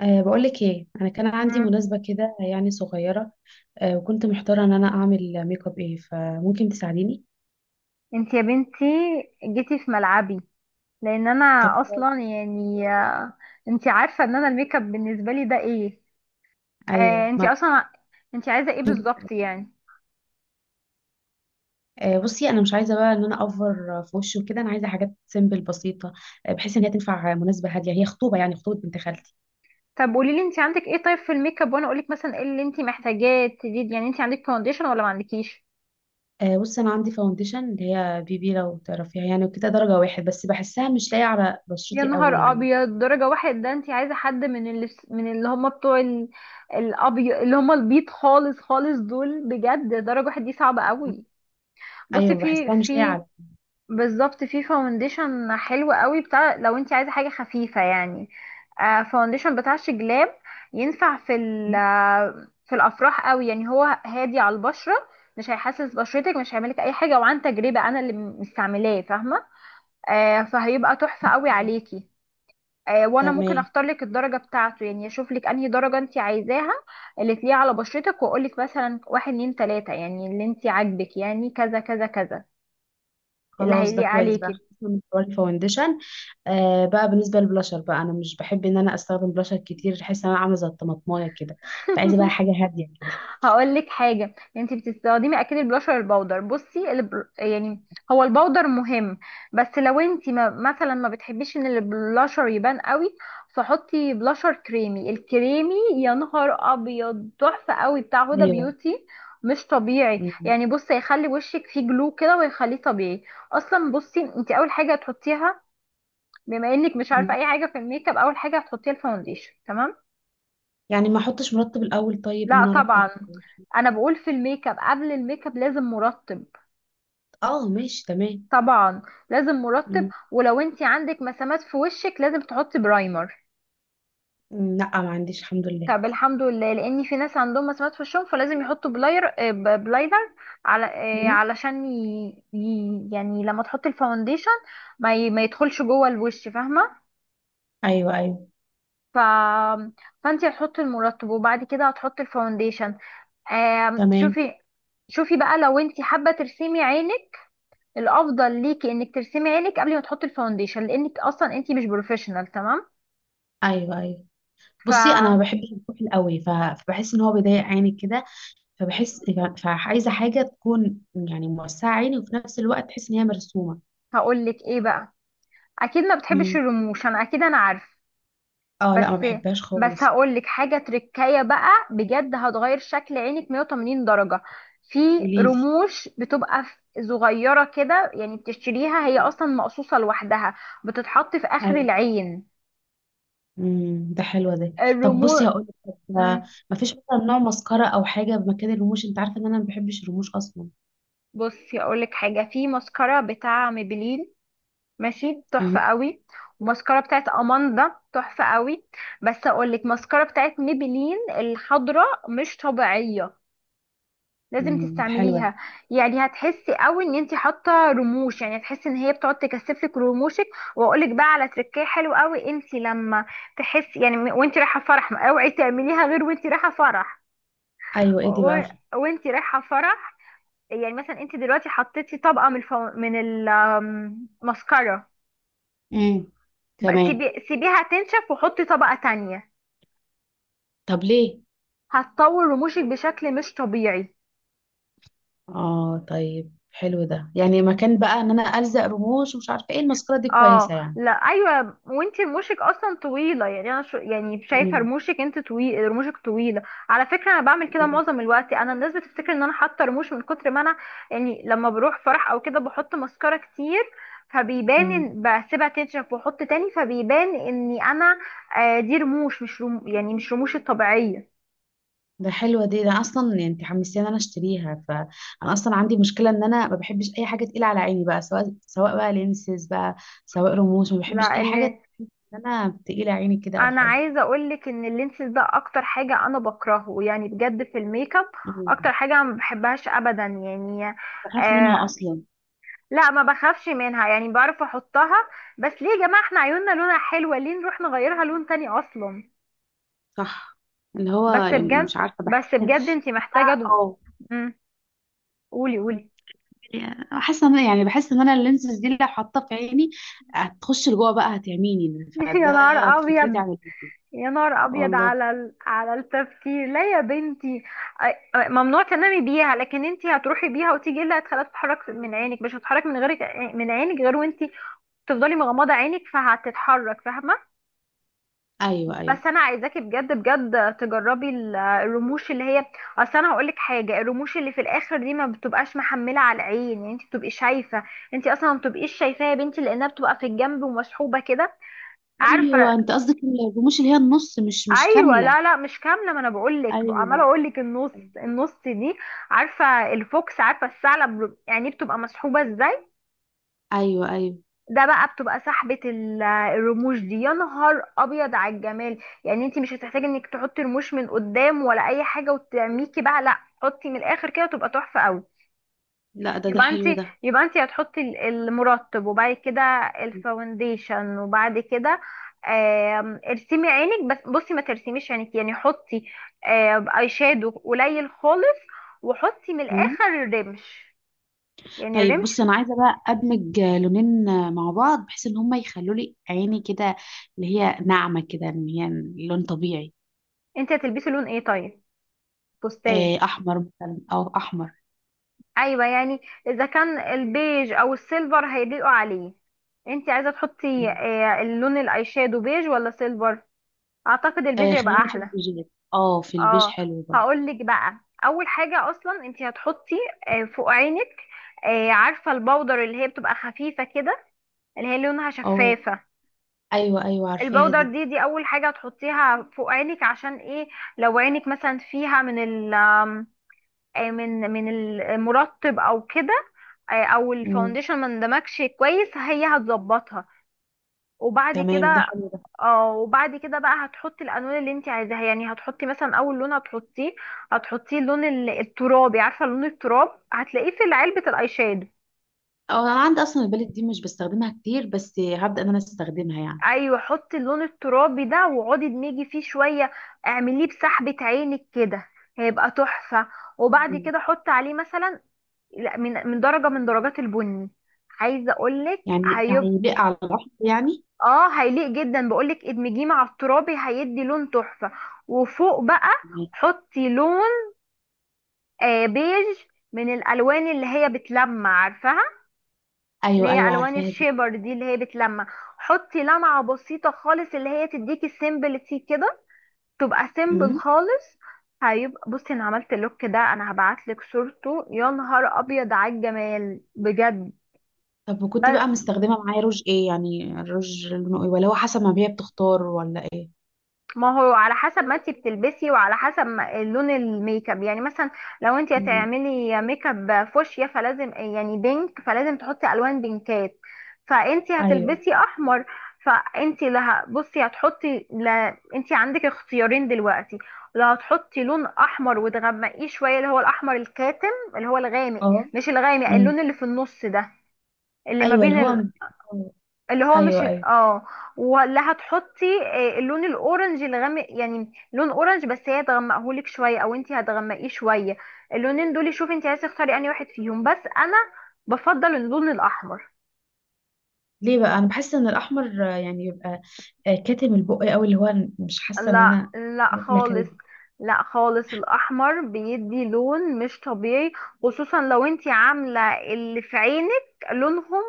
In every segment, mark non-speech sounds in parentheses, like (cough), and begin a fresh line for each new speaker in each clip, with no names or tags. أه بقولك ايه، انا كان عندي
مم.
مناسبة كده يعني صغيرة. أه وكنت محتارة ان انا اعمل ميك اب ايه، فممكن تساعديني؟
انت يا بنتي، جيتي في ملعبي، لان انا
طب كويس.
اصلا يعني انت عارفه ان انا الميك اب بالنسبه لي ده ايه؟ آه
ايوه
انت
ما.
اصلا انت عايزه ايه بالظبط يعني؟
أه بصي، انا مش عايزة بقى ان انا اوفر في وشي وكده، انا عايزة حاجات سيمبل بسيطة. أه بحيث ان هي تنفع مناسبة هادية، هي خطوبة يعني خطوبة بنت خالتي.
طب قولي لي، انت عندك ايه طيب في الميك اب، وانا اقول لك مثلا ايه اللي انت محتاجاه تزيد. يعني انت عندك فاونديشن ولا ما عندكيش؟
أه بصي، انا عندي فاونديشن اللي هي بي بي لو تعرفيها يعني، وكده درجة واحد، بس بحسها مش لايقة على
يا
بشرتي قوي
نهار
يعني.
ابيض، درجه واحد؟ ده انت عايزه حد من اللي هم بتوع ال- الابيض، اللي هم البيض خالص خالص. دول بجد درجه واحد دي صعبه قوي. بصي،
ايوه،
في
بحسها مش لايقة
في
على.
بالظبط في فاونديشن حلو قوي بتاع، لو انت عايزه حاجه خفيفه يعني. فاونديشن بتاع شجلاب ينفع في ال- آه، في الافراح قوي. يعني هو هادي على البشره، مش هيحسس بشرتك، مش هيعملك اي حاجه، وعن تجربه انا اللي مستعملاه، فاهمه؟ فهيبقى تحفه قوي عليكي. وانا ممكن
تمام.
اختار لك الدرجه بتاعته، يعني اشوف لك انهي درجه انت عايزاها اللي تليق على بشرتك، واقول لك مثلا واحد اتنين تلاته، يعني اللي انت عاجبك، يعني كذا كذا كذا، اللي
خلاص، ده
هيليق
كويس بقى،
عليكي.
خلصنا من حوار الفاونديشن. آه بقى بالنسبه للبلاشر بقى، انا مش بحب ان انا استخدم بلاشر كتير، بحس ان انا عامله زي الطماطمايه كده. فعايزه بقى حاجه
(laughs)
هاديه كده.
هقول لك حاجه. انت بتستخدمي اكيد البلاشر البودر. بصي، الب... يعني هو البودر مهم، بس لو انت ما... مثلا ما بتحبيش ان البلاشر يبان قوي، فحطي بلاشر كريمي. الكريمي، يا نهار ابيض، تحفه قوي، بتاع
(laughs)
هدى
ايوه.
بيوتي، مش طبيعي
م-
يعني. بصي، هيخلي وشك فيه جلو كده ويخليه طبيعي. اصلا بصي، انت اول حاجه هتحطيها، بما انك مش عارفه
م.
اي حاجه في الميك اب، اول حاجه هتحطيها الفاونديشن، تمام؟
يعني ما احطش مرطب الاول، طيب ان
لا
انا ارطب؟
طبعا، انا بقول في الميك اب، قبل الميك اب لازم مرطب.
اه، ماشي تمام.
طبعا، لازم مرطب.
م.
ولو انت عندك مسامات في وشك لازم تحطي برايمر.
م، لا ما عنديش الحمد لله.
طب الحمد لله. لان في ناس عندهم مسامات في وشهم، فلازم يحطوا بلاير، بلايدر، على
م.
علشان يعني لما تحطي الفاونديشن، ما يدخلش جوه الوش، فاهمه؟
ايوه، ايوه.
ف... فانت هتحطي المرطب وبعد كده هتحطي الفاونديشن.
تمام.
شوفي، شوفي بقى، لو انت حابه ترسمي عينك، الافضل ليكي انك ترسمي عينك قبل ما تحطي الفاونديشن، لانك اصلا انتي مش بروفيشنال، تمام؟
ايوه، ايوه، بصي انا ما بحبش الكحل قوي فبحس ان هو بيضايق عيني كده. فبحس فعايزه حاجه تكون يعني موسعه عيني، وفي نفس الوقت تحس ان هي مرسومه.
فهقول لك ايه بقى. اكيد ما بتحبش
م.
الرموش، انا اكيد، انا عارف.
اه، لا ما
بس،
بحبهاش خالص.
هقول لك حاجه تركية بقى، بجد هتغير شكل عينك 180 درجه. في
قوليلي.
رموش بتبقى ف- صغيره كده يعني، بتشتريها هي اصلا مقصوصه لوحدها، بتتحط في اخر
ايوه.
العين،
امم، ده حلو ده. طب
الرموش.
بصي هقول لك، ما فيش مثلا نوع مسكره او حاجه بمكان الرموش؟ انت عارفه ان انا ما بحبش الرموش اصلا.
بصي، اقول لك حاجه، في ماسكارا بتاع ميبلين ماشي، تحفة
امم.
قوي. وماسكارا بتاعت أماندا تحفة قوي. بس أقولك، ماسكارا بتاعت ميبلين الحضراء مش طبيعية، لازم
امم، ده حلو ده.
تستعمليها. يعني هتحسي قوي ان انتي حاطه رموش، يعني هتحسي ان هي بتقعد تكثفلك رموشك. واقولك بقى على تركيه حلو قوي، انتي لما تحسي يعني، وانتي رايحه فرح، ما اوعي تعمليها غير وانتي رايحه فرح،
ايوه،
و...
ايه دي
و-
بقى؟
وانتي رايحه فرح. يعني مثلا انتي دلوقتي حطيتي طبقه من من الماسكارا،
امم.
بقى
تمام.
سيبيها تنشف وحطي طبقة تانية،
طب ليه؟
هتطول رموشك بشكل مش طبيعي.
اه، طيب حلو ده، يعني مكان بقى ان انا الزق رموش ومش عارفه ايه، المسكره دي
اه
كويسه يعني.
لا، ايوه، وانتي رموشك اصلا طويله، يعني انا شو، يعني شايفه رموشك، انت طويل، رموشك طويله. على فكره، انا بعمل كده معظم الوقت. انا الناس بتفتكر ان انا حاطه رموش من كتر ما انا، يعني لما بروح فرح او كده، بحط ماسكارا كتير فبيبان.
امم،
بسيبها تنشف واحط تاني فبيبان اني انا، دي رموش، مش رم... يعني مش رموش الطبيعيه.
ده حلوة دي، ده أنا اصلا يعني انت حمستيني ان انا اشتريها، فانا اصلا عندي مشكلة ان انا ما بحبش اي حاجة تقيلة على عيني بقى، سواء بقى لينسز بقى، سواء رموش، ما
لا،
بحبش اي حاجة، ان انا تقيلة عيني كده او
انا
حاجة.
عايزه اقولك ان اللينسز ده اكتر حاجه انا بكرهه يعني بجد في الميك اب.
مم.
اكتر حاجه أنا ما بحبهاش ابدا يعني.
بخاف منها
آه،
اصلا.
لا ما بخافش منها، يعني بعرف احطها. بس ليه يا جماعه، احنا عيوننا لونها حلوه، ليه نروح نغيرها لون تاني اصلا؟
صح. اللي هو
بس
يعني
بجد،
مش عارفه، بحس
بس
إن
بجد انتي محتاجه
اه،
مم. قولي قولي.
حاسه ان يعني بحس ان انا اللينسز دي لو حاطاه في عيني، هتخش لجوه بقى، هتعميني
(laughs) يا نهار
فده، فكرتي
ابيض،
عن
يا نهار ابيض
والله.
على على التفكير. لا يا بنتي، ممنوع تنامي بيها. لكن انت هتروحي بيها وتيجي، إيه اللي هتخليها تتحرك من عينك؟ مش هتتحرك من غيرك، من عينك، غير وانت تفضلي مغمضه عينك فهتتحرك، فاهمه؟
ايوه، ايوه،
بس انا عايزاكي بجد بجد تجربي ال- الرموش اللي هي، اصل انا هقول لك حاجه، الرموش اللي في الاخر دي ما بتبقاش محمله على العين، يعني انت بتبقي شايفه، انت اصلا ما بتبقيش شايفاها يا بنتي، لانها بتبقى في الجنب ومسحوبه كده،
ايوه،
عارفه؟
انت قصدك الرموش اللي هي النص، مش
ايوه،
كامله.
لا لا، مش كامله، ما انا بقول لك، عماله
ايوه،
اقول لك النص، النص دي. عارفه الفوكس؟ عارفه الثعلب؟ يعني بتبقى مسحوبه ازاي،
ايوه. ايوه،
ده بقى بتبقى سحبه ال- الرموش دي. يا نهار ابيض على الجمال. يعني انت مش هتحتاجي انك تحطي رموش من قدام ولا اي حاجه وتعميكي بقى، لا، حطي من الاخر كده تبقى تحفه قوي.
لا ده
يبقى انت
حلو ده.
يبقى انت هتحطي ال- المرطب، وبعد كده الفاونديشن، وبعد كده ارسمي عينك. بس بصي، ما ترسميش عينك، يعني حطي اي شادو قليل خالص، وحطي من
مم.
الاخر الرمش، يعني
طيب بصي،
الرمش.
انا عايزه بقى ادمج لونين مع بعض، بحيث ان هما يخلوا لي عيني كده، اللي هي ناعمه كده، ان هي لون طبيعي.
انت هتلبسي لون ايه طيب؟ فستان؟
آه، احمر مثلا او احمر.
ايوه يعني، اذا كان البيج او السيلفر هيليقوا عليه، انت عايزه تحطي
مم.
اللون الاي شادو بيج ولا سيلفر؟ اعتقد البيج
آه،
يبقى
خلينا في
احلى.
البيجات، اه في البيج
اه،
حلو برضه.
هقول لك بقى. اول حاجه اصلا انت هتحطي فوق عينك، عارفه البودر اللي هي بتبقى خفيفه كده، اللي هي لونها
اه.
شفافه؟
ايوه، ايوه عارفاها
البودر
دي.
دي اول حاجه هتحطيها فوق عينك، عشان ايه؟ لو عينك مثلا فيها من ال من المرطب او كده، او
مم.
الفاونديشن ما اندمجش كويس، هي هتظبطها. وبعد
تمام، ده
كده،
حلو ده.
اه، وبعد كده بقى هتحطي الالوان اللي انت عايزاها. يعني هتحطي مثلا اول لون هتحطيه، اللون ال- الترابي، عارفه لون التراب؟ هتلاقيه في علبه الاي شادو.
اه، انا عندي اصلا البالت دي مش بستخدمها كتير، بس هبدا ان انا استخدمها يعني.
ايوه، حطي اللون الترابي ده، واقعدي ادمجي فيه شويه، اعمليه بسحبه عينك كده، هيبقى تحفه. وبعد
مم.
كده حطي عليه مثلا، لا، من درجه من درجات البني. عايزه اقولك
يعني
هيبقى،
هيليق على الاحمر يعني؟
اه، هيليق جدا. بقولك ادمجيه مع الترابي، هيدي لون تحفة. وفوق بقى حطي لون بيج، من الالوان اللي هي بتلمع، عارفاها اللي
ايوه،
هي
ايوه
الوان
عارفاها دي.
الشيبر دي اللي هي بتلمع. حطي لمعة بسيطة خالص، اللي هي تديكي سيمبلتي كده، تبقى سيمبل
امم.
خالص. هيبقى، بصي انا عملت اللوك ده، انا هبعتلك صورته، يا نهار ابيض على الجمال بجد.
طب وكنت بقى مستخدمه معايا روج ايه؟ يعني الروج لونه ايه، ولا هو حسب ما هي بتختار، ولا ايه؟
ما هو على حسب ما انت بتلبسي، وعلى حسب لون الميك اب، يعني مثلا لو انت
مم.
هتعملي ميك اب فوشيا فلازم، يعني بينك، فلازم تحطي الوان بينكات. فانت
ايوه.
هتلبسي احمر، فانت لا، بصي، هتحطي، لا، انت عندك اختيارين دلوقتي. لا، هتحطي لون احمر وتغمقيه شويه، اللي هو الاحمر الكاتم، اللي هو الغامق.
اه.
مش الغامق،
امم.
اللون اللي في النص ده، اللي ما
ايوه اللي هو
بين،
آه.
اللي هو مش،
ايوه، ايوه.
ولا هتحطي اللون الاورنج الغامق، يعني لون اورنج بس هي تغمقهولك شويه، او انت هتغمقيه شويه. اللونين دول، شوفي انت عايزه تختاري انهي واحد فيهم، بس انا بفضل اللون الاحمر.
ليه بقى؟ انا بحس ان الاحمر يعني بيبقى كاتم البق قوي، اللي هو مش حاسه ان
لا
انا
لا
واكله
خالص،
كلب.
لا خالص، الاحمر بيدي لون مش طبيعي، خصوصا لو انت عامله اللي في عينك لونهم،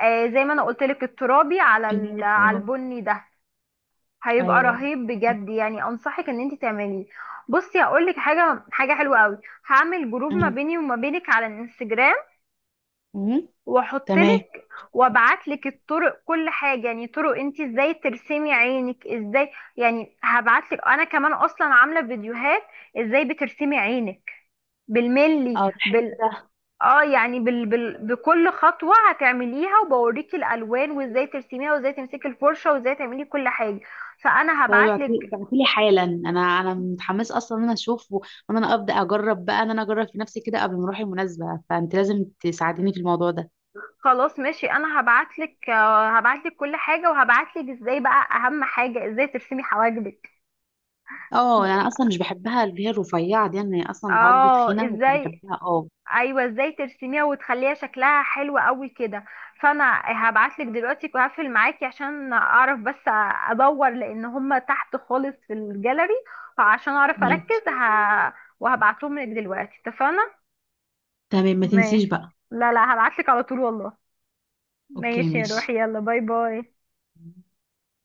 زي ما انا قلت لك، الترابي على ال- على
آه.
البني ده، هيبقى
ايوه.
رهيب بجد، يعني انصحك ان انت تعمليه. بصي، هقولك حاجه حلوه قوي. هعمل جروب ما
امم.
بيني وما بينك على الانستجرام،
امم.
واحط
تمام.
لك وابعت لك الطرق، كل حاجه، يعني طرق، انت ازاي ترسمي عينك ازاي. يعني هبعت لك، انا كمان اصلا عامله فيديوهات ازاي بترسمي عينك بالملي،
اه، ده حلو ده.
اه، يعني بكل خطوه هتعمليها، وبوريكي الالوان، وازاي ترسميها، وازاي تمسكي الفرشه، وازاي تعملي كل حاجه. فانا هبعت لك.
فبعتلي حالا، انا متحمسه اصلا ان انا اشوفه، وان انا ابدا اجرب بقى ان انا اجرب في نفسي كده، قبل ما اروح المناسبه، فانت لازم تساعديني في الموضوع ده.
خلاص ماشي، انا هبعتلك كل حاجة، وهبعتلك ازاي بقى، اهم حاجة ازاي ترسمي حواجبك.
اه، يعني انا اصلا مش بحبها اللي هي الرفيعه دي، انا اصلا عاجبي
اه
تخينه، بس
ازاي،
بحبها اه.
ايوه، ازاي ترسميها وتخليها شكلها حلو قوي كده. فانا هبعتلك دلوقتي وهقفل معاكي، عشان اعرف بس ادور، لان هما تحت خالص في الجاليري، فعشان اعرف
ماشي.
اركز وهبعتهم لك دلوقتي، اتفقنا؟
تمام، ما تنسيش
ماشي،
بقى.
لا لا، هبعتلك على طول والله.
اوكي،
ماشي يا
ماشي.
روحي، يلا باي باي.